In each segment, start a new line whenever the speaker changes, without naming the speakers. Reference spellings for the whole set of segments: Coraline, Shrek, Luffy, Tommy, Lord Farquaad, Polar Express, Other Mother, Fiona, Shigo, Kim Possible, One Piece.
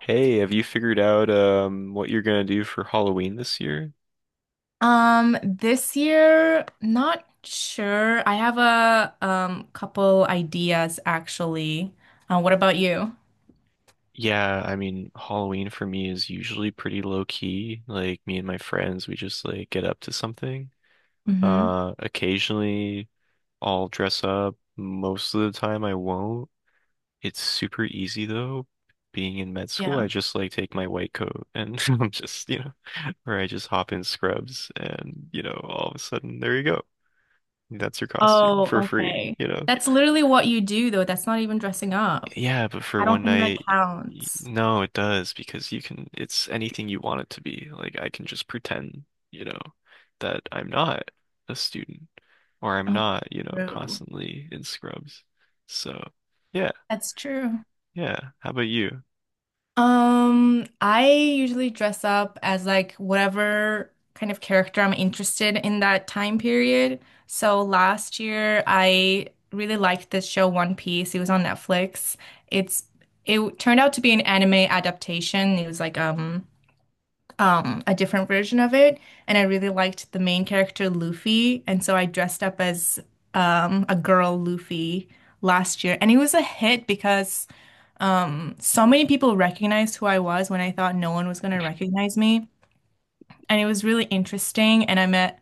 Hey, have you figured out what you're gonna do for Halloween this year?
This year, not sure. I have a couple ideas actually. What about you?
Yeah, I mean, Halloween for me is usually pretty low key. Like me and my friends, we just like get up to something.
Mm-hmm.
Occasionally I'll dress up. Most of the time I won't. It's super easy though. Being in med school, I
Yeah.
just like take my white coat and I'm just, or I just hop in scrubs and, all of a sudden there you go. That's your costume
Oh,
for free,
okay.
you know.
That's literally what you do though. That's not even dressing up.
Yeah, but for
I don't
one
think that
night,
counts.
no, it does because you can, it's anything you want it to be. Like I can just pretend, you know, that I'm not a student or I'm
Oh,
not,
true.
constantly in scrubs. So, yeah,
That's true.
yeah. How about you?
I usually dress up as like whatever kind of character I'm interested in that time period. So last year I really liked this show One Piece. It was on Netflix. It's it turned out to be an anime adaptation. It was like a different version of it, and I really liked the main character Luffy, and so I dressed up as a girl Luffy last year, and it was a hit because so many people recognized who I was when I thought no one was going to recognize me. And it was really interesting, and I met,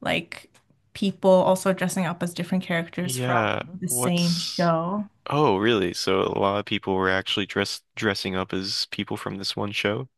like, people also dressing up as different characters from
Yeah,
the same
what's
show.
oh, really? So a lot of people were actually dressed dressing up as people from this one show?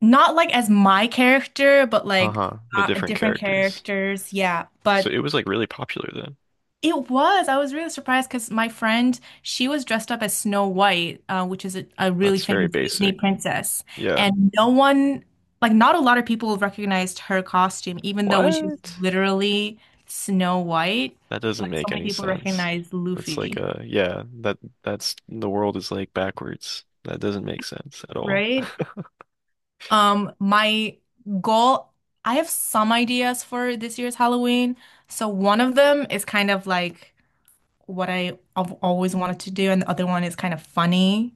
Not like as my character, but like
Uh-huh, but different
different
characters.
characters, yeah.
So
But
it was like really popular then.
it was. I was really surprised because my friend, she was dressed up as Snow White, which is a really
That's very
famous Disney
basic.
princess.
Yeah.
And no one, like, not a lot of people recognized her costume, even though when she was
What?
literally Snow White,
That
but
doesn't
so
make
many
any
people
sense.
recognized
That's like
Luffy,
a that's the world is like backwards. That doesn't make sense at all.
right? My goal, I have some ideas for this year's Halloween. So one of them is kind of like what I have always wanted to do, and the other one is kind of funny.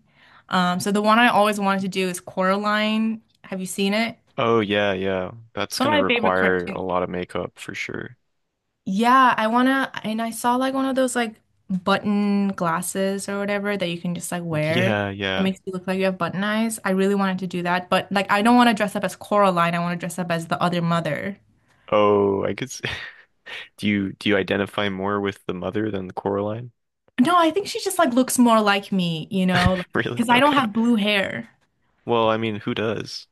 So the one I always wanted to do is Coraline. Have you seen it?
Oh yeah, yeah. That's
It's one of
gonna
my favorite
require a
cartoons.
lot of makeup for sure.
Yeah, I wanna, and I saw like one of those like button glasses or whatever that you can just like wear
Yeah,
that
yeah.
makes you look like you have button eyes. I really wanted to do that, but like I don't want to dress up as Coraline. I want to dress up as the other mother.
Oh, I could s Do you identify more with the mother than the Coraline?
No, I think she just like looks more like me, you know,
Really?
because I don't
Okay.
have blue hair.
Well, I mean, who does?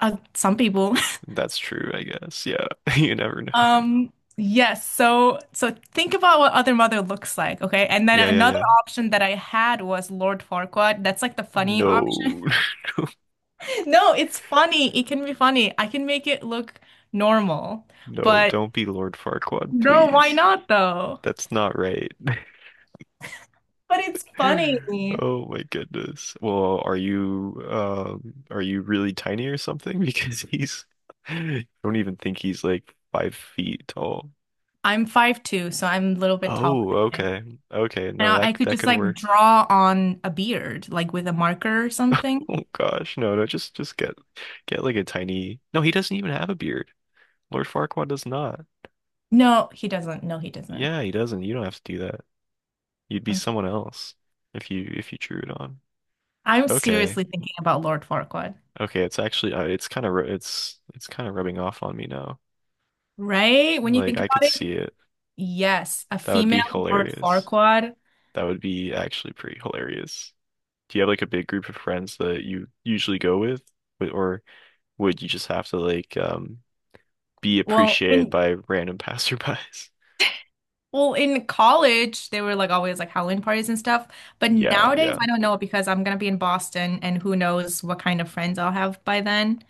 Some people.
That's true, I guess. Yeah. You never know.
Yes, so think about what Other Mother looks like, okay? And then
Yeah, yeah,
another
yeah.
option that I had was Lord Farquaad. That's like the funny option.
No.
No, it's funny. It can be funny. I can make it look normal.
No,
But
don't be Lord Farquaad,
no, why
please.
not though?
That's not right.
But it's funny.
Oh my goodness. Well, are you really tiny or something? Because he's I don't even think he's like five feet tall.
I'm 5'2", so I'm a little bit taller
Oh,
than him.
okay. Okay,
And
no,
I
that
could
that
just
could
like
work.
draw on a beard, like with a marker or something.
Oh gosh, no, no, just get like a tiny No, he doesn't even have a beard. Lord Farquaad does not.
No, he doesn't. No, he doesn't.
Yeah, he doesn't. You don't have to do that. You'd be
Okay.
someone else if you drew it on.
I'm
Okay.
seriously thinking about Lord Farquaad.
Okay, it's actually it's kind of it's kind of rubbing off on me now.
Right? When you
Like
think
I
about
could
it,
see it.
yes, a
That would
female
be
Lord
hilarious.
Farquaad.
That would be actually pretty hilarious. Do you have like a big group of friends that you usually go with, or would you just have to like be
Well,
appreciated
in
by random passerbys?
well, in college, they were like always like Halloween parties and stuff. But
Yeah,
nowadays,
yeah.
I don't know because I'm gonna be in Boston, and who knows what kind of friends I'll have by then.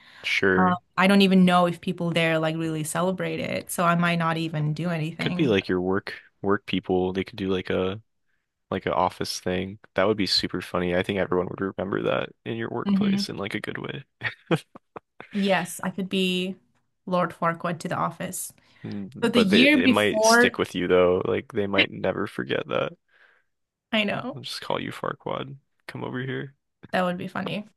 Sure.
I don't even know if people there like really celebrate it, so I might not even do
Could be
anything.
like your work people. They could do like a like an office thing. That would be super funny. I think everyone would remember that in your
Mhm.
workplace in like a good way.
Yes, I could be Lord Farquaad to the office.
Mm,
So the
but they,
year
it might
before,
stick with you though. Like they might never forget that.
I know
I'll just call you Farquad. Come over here.
that would be funny.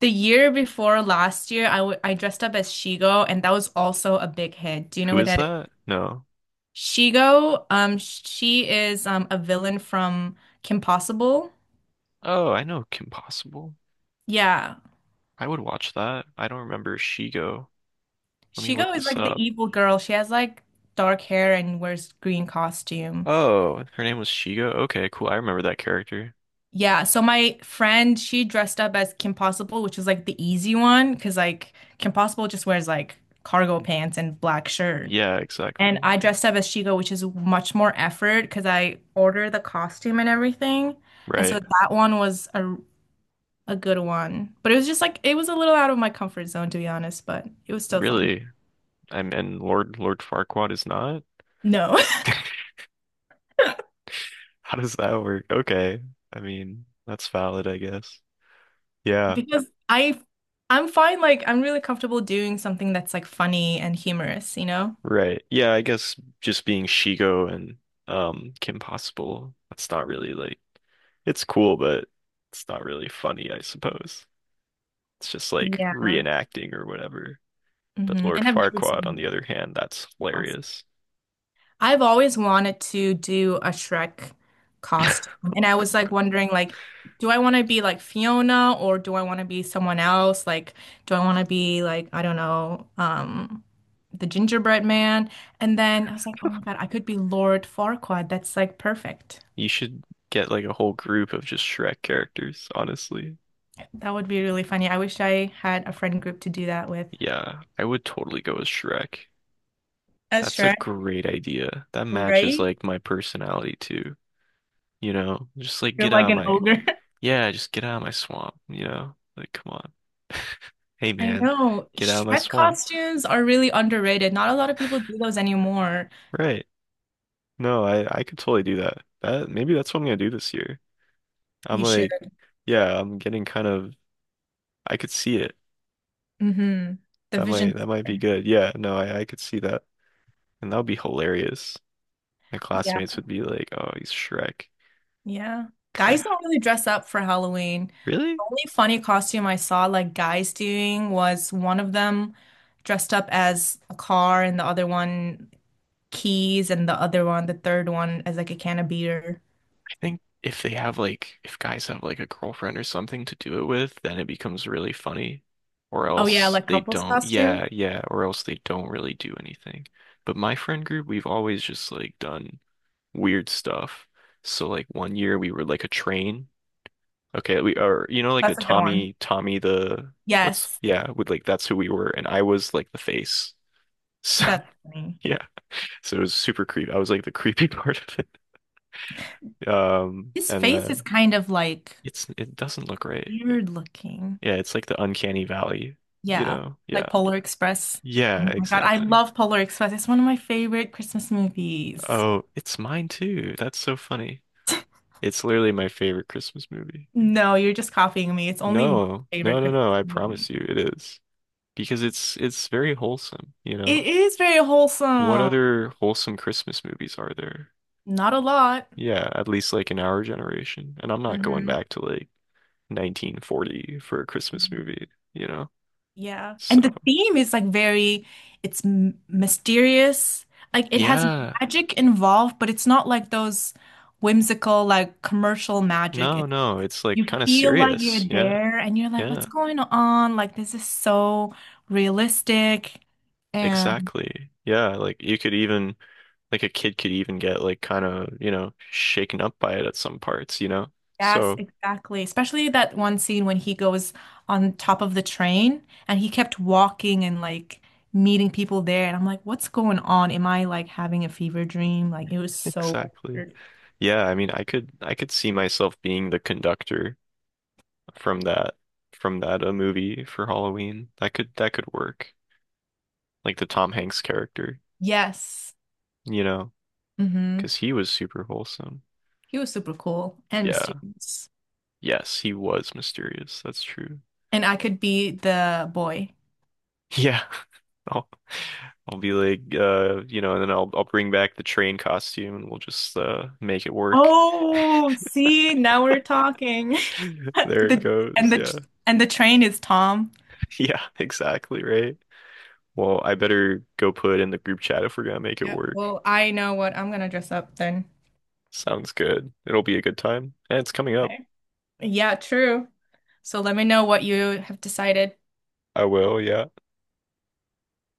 The year before last year, I dressed up as Shigo, and that was also a big hit. Do you know
Who
who
is
that is?
that? No.
Shigo, she is a villain from Kim Possible.
Oh, I know Kim Possible.
Yeah,
I would watch that. I don't remember Shigo. Let me look
Shigo is
this
like the
up.
evil girl. She has like dark hair and wears green costume.
Oh, her name was Shigo. Okay, cool. I remember that character.
Yeah, so my friend, she dressed up as Kim Possible, which was like the easy one, because like Kim Possible just wears like cargo pants and black shirt.
Yeah,
And
exactly.
I dressed up as Shigo, which is much more effort because I ordered the costume and everything. And
Right.
so that one was a good one. But it was just like it was a little out of my comfort zone to be honest, but it was still fun.
Really? I'm and Lord Farquaad is not?
No.
How does that work? Okay. I mean, that's valid, I guess. Yeah.
Because I'm fine, like I'm really comfortable doing something that's like funny and humorous, you know?
Right. Yeah, I guess just being Shigo and Kim Possible, that's not really like it's cool, but it's not really funny, I suppose. It's just like
Yeah.
reenacting or whatever. But Lord
And I've never
Farquaad, on the
seen
other hand, that's
Impossible.
hilarious.
I've always wanted to do a Shrek costume. And I was like wondering like, do I want to be like Fiona or do I want to be someone else? Like do I want to be like, I don't know, the gingerbread man? And then I was like, "Oh my God, I could be Lord Farquaad. That's like perfect."
You should get like a whole group of just Shrek characters, honestly.
That would be really funny. I wish I had a friend group to do that with.
Yeah, I would totally go with Shrek.
As
That's a
Shrek,
great idea. That matches
right?
like my personality too. You know, just like
You're
get out
like
of
an
my,
ogre.
yeah, just get out of my swamp, you know? Like, come on. Hey
I
man,
know.
get out of my
Shrek
swamp.
costumes are really underrated. Not a lot of people do those anymore.
Right. No, I could totally do that. That maybe that's what I'm gonna do this year. I'm
You should.
like, yeah, I'm getting kind of I could see it.
hmm The
That
vision
might that
is
might be
there.
good. Yeah, no, I could see that. And that would be hilarious. My
Yeah.
classmates would be like, "Oh, he's Shrek."
Yeah.
'Cause I
Guys don't really dress up for Halloween.
really
The only funny costume I saw like guys doing was one of them dressed up as a car and the other one keys and the other one, the third one as like a can of beer.
I think if they have like if guys have like a girlfriend or something to do it with, then it becomes really funny. Or
Oh yeah,
else
like
they
couples
don't.
costume.
Yeah, yeah, or else they don't really do anything. But my friend group, we've always just like done weird stuff. So like one year we were like a train. Okay, we are you know like the
That's a good one.
Tommy the what's
Yes.
yeah, with like that's who we were and I was like the face. So
That's funny.
yeah. So it was super creepy. I was like the creepy part of it. Um
His
and
face is
then
kind of like
it's it doesn't look right.
weird looking.
Yeah, it's like the uncanny valley, you
Yeah,
know. Yeah.
like Polar Express.
Yeah,
Oh my God, I
exactly.
love Polar Express. It's one of my favorite Christmas movies.
Oh, it's mine too. That's so funny. It's literally my favorite Christmas movie.
No, you're just copying me. It's only my
No, no,
favorite
no,
Christmas
no. I promise
movie.
you it is. Because it's very wholesome, you
It
know.
is very
What
wholesome.
other wholesome Christmas movies are there?
Not a lot.
Yeah, at least like in our generation. And I'm not going
Hmm.
back to like 1940 for a Christmas movie, you know.
Yeah. And
So,
the theme is like very, it's m mysterious. Like it has
yeah.
magic involved, but it's not like those whimsical, like commercial magic.
No,
It's
no, it's like
you
kind of
feel like
serious.
you're
Yeah.
there and you're like, what's
Yeah.
going on? Like, this is so realistic. And
Exactly. Yeah, like you could even like a kid could even get like kind of, you know, shaken up by it at some parts, you know.
yes,
So,
exactly. Especially that one scene when he goes on top of the train and he kept walking and like meeting people there. And I'm like, what's going on? Am I like having a fever dream? Like, it was so
exactly.
weird.
Yeah, I mean, I could see myself being the conductor from that from that a movie for Halloween. That could work. Like the Tom Hanks character,
Yes.
you know,
Mm-hmm.
because he was super wholesome.
He was super cool and
Yeah.
mysterious.
Yes, he was mysterious. That's true.
And I could be the boy.
Yeah. I'll I'll be like you know, and then I'll bring back the train costume and we'll just make it work.
Oh, see, now we're talking.
There it
The
goes.
and the
Yeah.
and the train is Tom.
Yeah, exactly right. Well, I better go put in the group chat if we're gonna make it
Yeah,
work.
well, I know what I'm gonna dress up then.
Sounds good. It'll be a good time. And it's coming up.
Okay. Yeah, true. So let me know what you have decided.
I will, yeah.